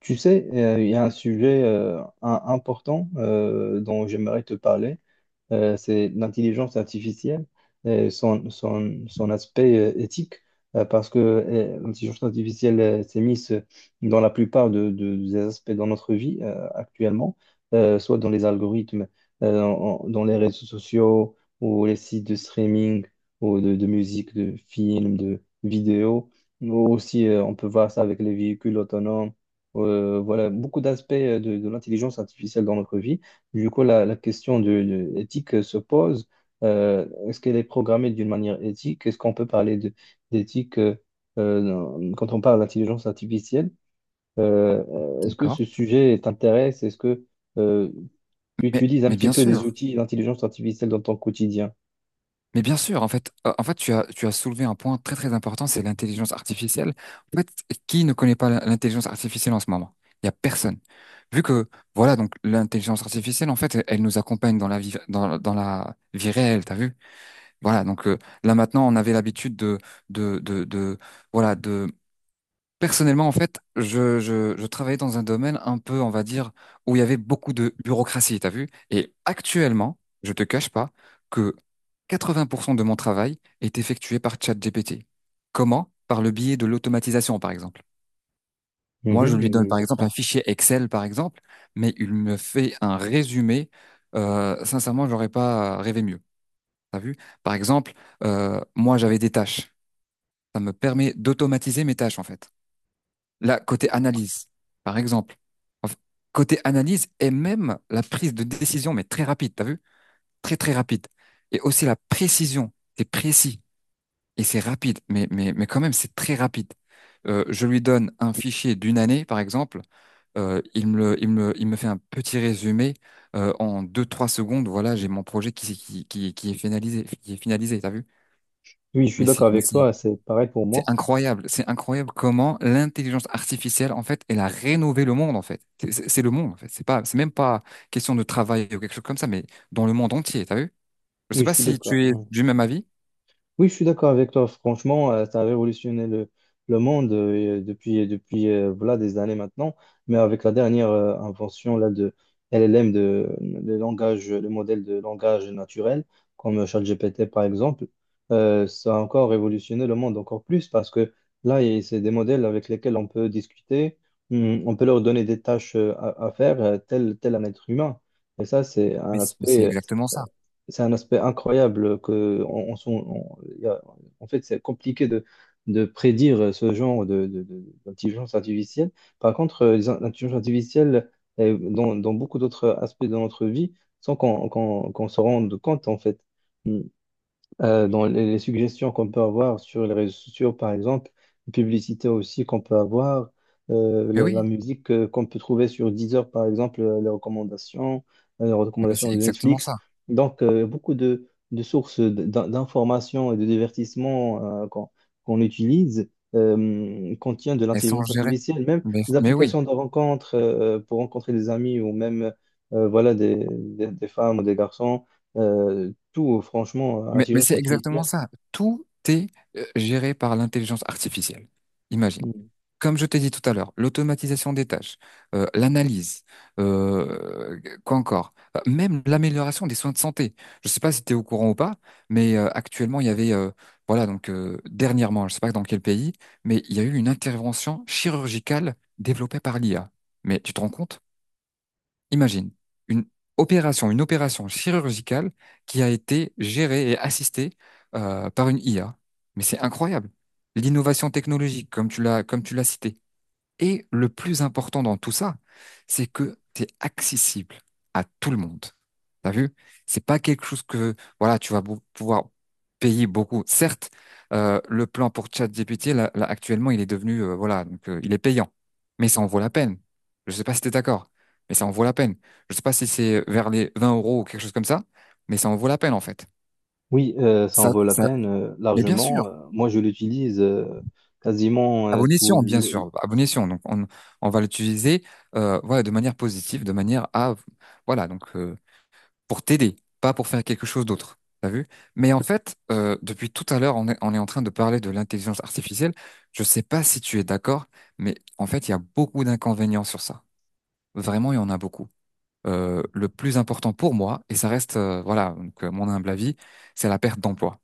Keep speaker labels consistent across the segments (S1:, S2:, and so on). S1: Tu sais, il y a un sujet important dont j'aimerais te parler, c'est l'intelligence artificielle et son aspect éthique, parce que l'intelligence artificielle s'est mise dans la plupart des aspects dans notre vie actuellement, soit dans les algorithmes, dans les réseaux sociaux ou les sites de streaming ou de musique, de films, de vidéos. Nous aussi, on peut voir ça avec les véhicules autonomes, voilà, beaucoup d'aspects de l'intelligence artificielle dans notre vie. Du coup, la question de éthique se pose. Est-ce qu'elle est programmée d'une manière éthique? Est-ce qu'on peut parler d'éthique, quand on parle d'intelligence artificielle? Euh, est-ce que
S2: D'accord.
S1: ce sujet t'intéresse? Est-ce que euh, tu
S2: Mais,
S1: utilises un
S2: mais
S1: petit
S2: bien
S1: peu
S2: sûr,
S1: des outils d'intelligence artificielle dans ton quotidien?
S2: en fait, tu as soulevé un point très très important, c'est l'intelligence artificielle. En fait, qui ne connaît pas l'intelligence artificielle en ce moment? Il y a personne. Vu que, voilà, donc l'intelligence artificielle, en fait, elle nous accompagne dans la vie, dans la vie réelle, t'as vu? Voilà, donc là maintenant, on avait l'habitude de, voilà, de. Personnellement, en fait, je travaillais dans un domaine un peu, on va dire, où il y avait beaucoup de bureaucratie, t'as vu? Et actuellement, je te cache pas que 80% de mon travail est effectué par ChatGPT. Comment? Par le biais de l'automatisation, par exemple. Moi, je
S1: Mhm,
S2: lui donne,
S1: je
S2: par exemple,
S1: comprends.
S2: un fichier Excel, par exemple, mais il me fait un résumé. Sincèrement, j'aurais pas rêvé mieux. T'as vu? Par exemple, moi, j'avais des tâches. Ça me permet d'automatiser mes tâches, en fait. Là, côté analyse, par exemple. Enf- Côté analyse et même la prise de décision, mais très rapide, t'as vu? Très, très rapide. Et aussi la précision. C'est précis et c'est rapide, mais quand même, c'est très rapide. Je lui donne un fichier d'une année, par exemple. Il me, le- il me fait un petit résumé en deux trois secondes. Voilà, j'ai mon projet qui est finalisé, t'as vu?
S1: Oui, je suis
S2: mais c'est-
S1: d'accord avec toi. C'est pareil pour
S2: c'est
S1: moi.
S2: incroyable, c'est incroyable comment l'intelligence artificielle, en fait, elle a rénové le monde, en fait. C'est le monde, en fait. C'est pas, c'est même pas question de travail ou quelque chose comme ça, mais dans le monde entier, t'as vu? Je sais
S1: Oui, je
S2: pas
S1: suis
S2: si tu es
S1: d'accord.
S2: du même avis,
S1: Oui, je suis d'accord avec toi. Franchement, ça a révolutionné le monde depuis voilà, des années maintenant. Mais avec la dernière invention là, de LLM, de, le langage, le modèle de langage naturel, comme ChatGPT par exemple, ça a encore révolutionné le monde encore plus parce que là, c'est des modèles avec lesquels on peut discuter, on peut leur donner des tâches à faire, tel, tel un être humain. Et ça, c'est un
S2: mais c'est
S1: aspect.
S2: exactement ça.
S1: C'est un aspect incroyable que on s'en- on- y a- en fait c'est compliqué de prédire ce genre d'intelligence artificielle. Par contre, l'intelligence artificielle dans beaucoup d'autres aspects de notre vie sans qu'on se rende compte en fait. Mm Dans les suggestions qu'on peut avoir sur les réseaux sociaux, par exemple, les publicités aussi qu'on peut avoir,
S2: Mais
S1: la
S2: oui,
S1: musique qu'on peut trouver sur Deezer, par exemple, les
S2: mais
S1: recommandations
S2: c'est
S1: de
S2: exactement
S1: Netflix.
S2: ça.
S1: Donc, beaucoup de sources d'informations et de divertissements qu'on utilise. Contiennent de
S2: Elles sont
S1: l'intelligence
S2: gérées.
S1: artificielle, même
S2: Mais,
S1: des
S2: mais oui.
S1: applications de rencontre pour rencontrer des amis ou même voilà des femmes ou des garçons. Tout, franchement,
S2: Mais
S1: l'intelligence
S2: c'est exactement
S1: artificielle,
S2: ça. Tout est géré par l'intelligence artificielle. Imagine.
S1: mm.
S2: Comme je t'ai dit tout à l'heure, l'automatisation des tâches, l'analyse, quoi encore, même l'amélioration des soins de santé. Je ne sais pas si tu es au courant ou pas, mais actuellement, il y avait, voilà, donc dernièrement, je ne sais pas dans quel pays, mais il y a eu une intervention chirurgicale développée par l'IA. Mais tu te rends compte? Imagine une une opération chirurgicale qui a été gérée et assistée par une IA. Mais c'est incroyable. L'innovation technologique, comme tu l'as cité, et le plus important dans tout ça, c'est que c'est accessible à tout le monde. T'as vu? C'est pas quelque chose que, voilà, tu vas pouvoir payer beaucoup. Certes, le plan pour ChatGPT, là, actuellement, il est devenu, voilà, donc, il est payant. Mais ça en vaut la peine. Je sais pas si t'es d'accord, mais ça en vaut la peine. Je sais pas si c'est vers les 20 euros ou quelque chose comme ça, mais ça en vaut la peine, en fait.
S1: Oui, ça en
S2: Ça,
S1: vaut la
S2: ça,
S1: peine
S2: mais bien sûr.
S1: largement. Moi, je l'utilise quasiment
S2: À bon,
S1: tous
S2: bien sûr,
S1: les...
S2: à bon. Donc, on va l'utiliser voilà, de manière positive, de manière à, voilà, donc pour t'aider, pas pour faire quelque chose d'autre. T'as vu? Mais en fait, depuis tout à l'heure, on est en train de parler de l'intelligence artificielle. Je sais pas si tu es d'accord, mais en fait, il y a beaucoup d'inconvénients sur ça. Vraiment, il y en a beaucoup. Le plus important pour moi, et ça reste, voilà, donc, mon humble avis, c'est la perte d'emploi.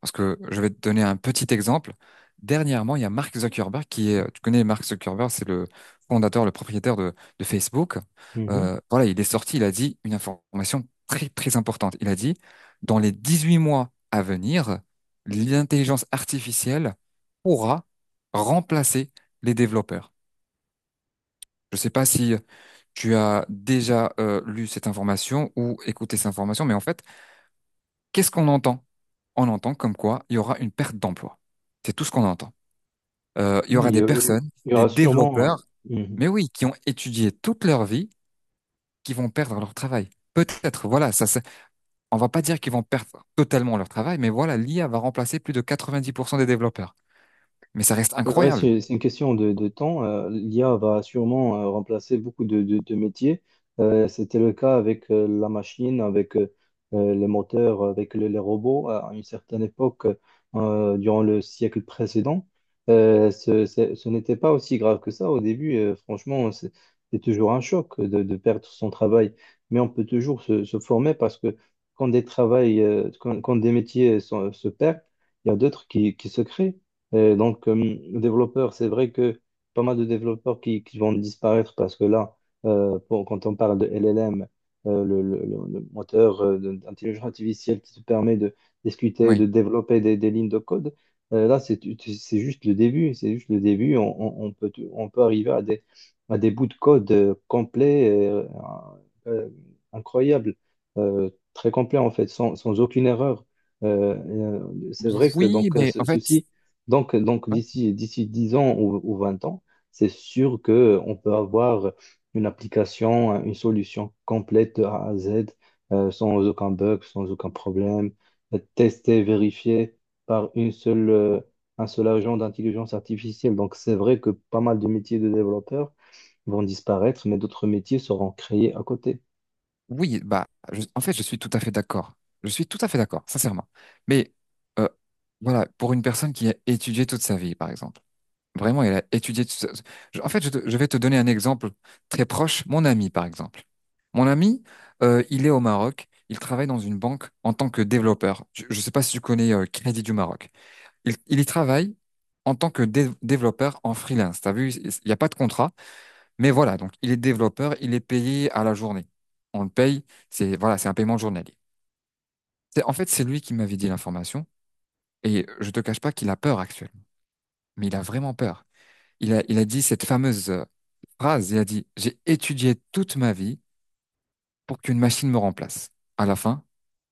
S2: Parce que je vais te donner un petit exemple. Dernièrement, il y a Mark Zuckerberg qui est, tu connais Mark Zuckerberg, c'est le fondateur, le propriétaire de Facebook.
S1: Mhm.
S2: Voilà, il est sorti, il a dit une information très, très importante. Il a dit, dans les 18 mois à venir, l'intelligence artificielle pourra remplacer les développeurs. Je ne sais pas si tu as déjà lu cette information ou écouté cette information, mais en fait, qu'est-ce qu'on entend? On entend comme quoi il y aura une perte d'emploi. C'est tout ce qu'on entend. Il y aura
S1: Oui,
S2: des personnes,
S1: il y
S2: des
S1: aura
S2: développeurs,
S1: sûrement... euh, hmm,
S2: mais oui, qui ont étudié toute leur vie, qui vont perdre leur travail. Peut-être, voilà, ça, on va pas dire qu'ils vont perdre totalement leur travail, mais voilà, l'IA va remplacer plus de 90% des développeurs. Mais ça reste
S1: C'est vrai,
S2: incroyable.
S1: c'est une question de temps. l'IA va sûrement remplacer beaucoup de métiers. C'était le cas avec la machine, avec les moteurs, avec les robots à une certaine époque, durant le siècle précédent. Ce n'était pas aussi grave que ça au début. Franchement, c'est toujours un choc de perdre son travail. Mais on peut toujours se former parce que quand des travails, quand des métiers se perdent, il y a d'autres qui se créent. Et donc, développeur, c'est vrai que pas mal de développeurs qui vont disparaître parce que là, quand on parle de LLM, le moteur d'intelligence artificielle qui te permet de discuter,
S2: Oui.
S1: de développer des lignes de code, là, c'est juste le début. C'est juste le début. On peut, on peut arriver à à des bouts de code complets, euh, euh, incroyables, très complets en fait, sans aucune erreur. Euh, et, c'est vrai que
S2: Oui,
S1: donc,
S2: mais en fait,
S1: ceci donc,
S2: ouais.
S1: d'ici 10 ans ou 20 ans, c'est sûr que on peut avoir une application, une solution complète de A à Z, sans aucun bug, sans aucun problème, testée, vérifiée par une seule, un seul agent d'intelligence artificielle. Donc, c'est vrai que pas mal de métiers de développeurs vont disparaître, mais d'autres métiers seront créés à côté.
S2: Oui, bah, en fait, je suis tout à fait d'accord. Je suis tout à fait d'accord, sincèrement. Mais euh, voilà, pour une personne qui a étudié toute sa vie, par exemple. Vraiment, il a étudié tout ça. En fait, je vais te donner un exemple très proche. Mon ami, par exemple. Mon ami, il est au Maroc. Il travaille dans une banque en tant que développeur. Je ne sais pas si tu connais Crédit du Maroc. Il y travaille en tant que développeur en freelance. T'as vu, il n'y a pas de contrat, mais voilà. Donc, il est développeur. Il est payé à la journée. On le paye. C'est voilà, c'est un paiement journalier. C'est en fait, c'est lui qui m'avait dit l'information. Et je te cache pas qu'il a peur actuellement. Mais il a vraiment peur. Il a dit cette fameuse phrase, il a dit, j'ai étudié toute ma vie pour qu'une machine me remplace. À la fin,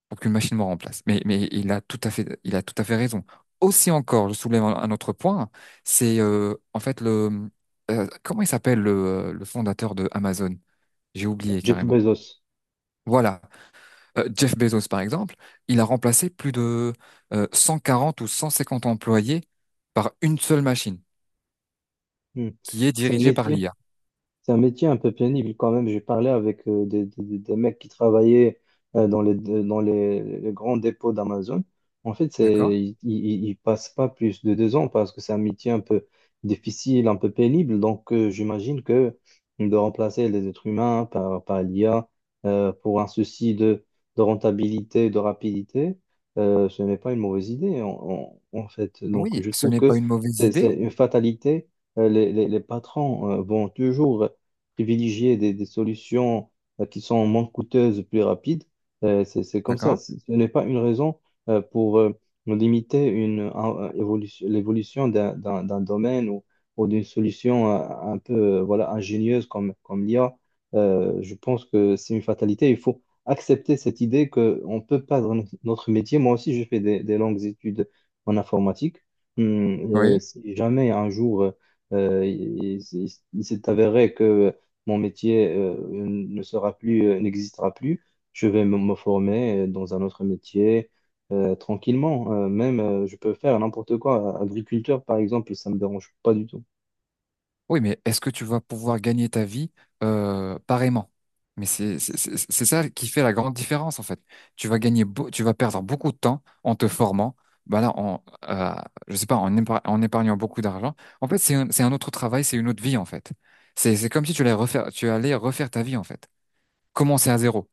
S2: pour qu'une machine me remplace. Mais il a tout à fait, il a tout à fait raison. Aussi encore, je soulève un autre point, c'est en fait le, comment il s'appelle le, le, fondateur de Amazon? J'ai oublié
S1: Jeff
S2: carrément.
S1: Bezos.
S2: Voilà. Jeff Bezos par exemple, il a remplacé plus de 140 ou 150 employés par une seule machine
S1: Hmm.
S2: qui est
S1: C'est un
S2: dirigée par
S1: métier.
S2: l'IA.
S1: C'est un métier un peu pénible quand même. J'ai parlé avec des mecs qui travaillaient dans les grands dépôts d'Amazon. En fait, c'est, ils passent pas plus de 2 ans parce que c'est un métier un peu difficile, un peu pénible. Donc, j'imagine que de remplacer les êtres humains par, par l'IA pour un souci de rentabilité, de rapidité, ce n'est pas une mauvaise idée en fait. Donc,
S2: Oui,
S1: je
S2: ce
S1: trouve
S2: n'est
S1: que
S2: pas une mauvaise
S1: c'est
S2: idée,
S1: une fatalité. Les patrons vont toujours privilégier des solutions qui sont moins coûteuses, plus rapides. C'est comme ça.
S2: d'accord?
S1: Ce n'est pas une raison pour limiter une, évolution, l'évolution d'un domaine ou d'une solution un peu voilà, ingénieuse comme l'IA. Je pense que c'est une fatalité. Il faut accepter cette idée qu'on peut perdre notre métier. Moi aussi, j'ai fait des longues études en informatique.
S2: Oui.
S1: Si jamais un jour... il s'est avéré que mon métier ne sera plus, n'existera plus. Je vais me former dans un autre métier tranquillement. Même, je peux faire n'importe quoi. Agriculteur, par exemple, ça me dérange pas du tout.
S2: Oui, mais est-ce que tu vas pouvoir gagner ta vie pareillement? Mais c'est ça qui fait la grande différence en fait. Tu vas perdre beaucoup de temps en te formant. Bah là, en, euh, je sais pas, en épargnant beaucoup d'argent. En fait, c'est un autre travail, c'est une autre vie en fait. C'est comme si tu allais refaire ta vie en fait. Commencer à zéro.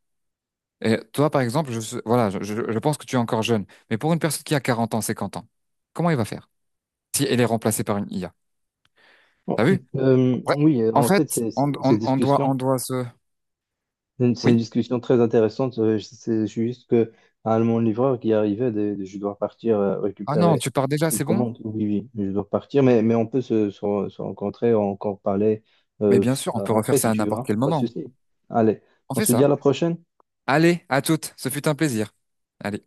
S2: Et toi, par exemple, voilà, je pense que tu es encore jeune, mais pour une personne qui a 40 ans, 50 ans, comment il va faire? Si elle est remplacée par une IA. T'as
S1: Bon,
S2: vu? Ouais.
S1: oui,
S2: En
S1: en
S2: fait,
S1: fait, ces
S2: on
S1: discussions...
S2: doit se...
S1: C'est une
S2: Oui?
S1: discussion très intéressante. C'est juste que à mon livreur qui arrivait, je dois partir
S2: Ah non,
S1: récupérer
S2: tu pars déjà,
S1: une
S2: c'est bon?
S1: commande. Oui, oui, je dois partir, mais on peut se rencontrer, encore parler
S2: Mais bien sûr, on peut refaire
S1: après
S2: ça
S1: si
S2: à
S1: tu veux,
S2: n'importe
S1: hein,
S2: quel
S1: pas de
S2: moment.
S1: souci. Allez,
S2: On
S1: on
S2: fait
S1: se dit à
S2: ça.
S1: la prochaine.
S2: Allez, à toutes, ce fut un plaisir. Allez.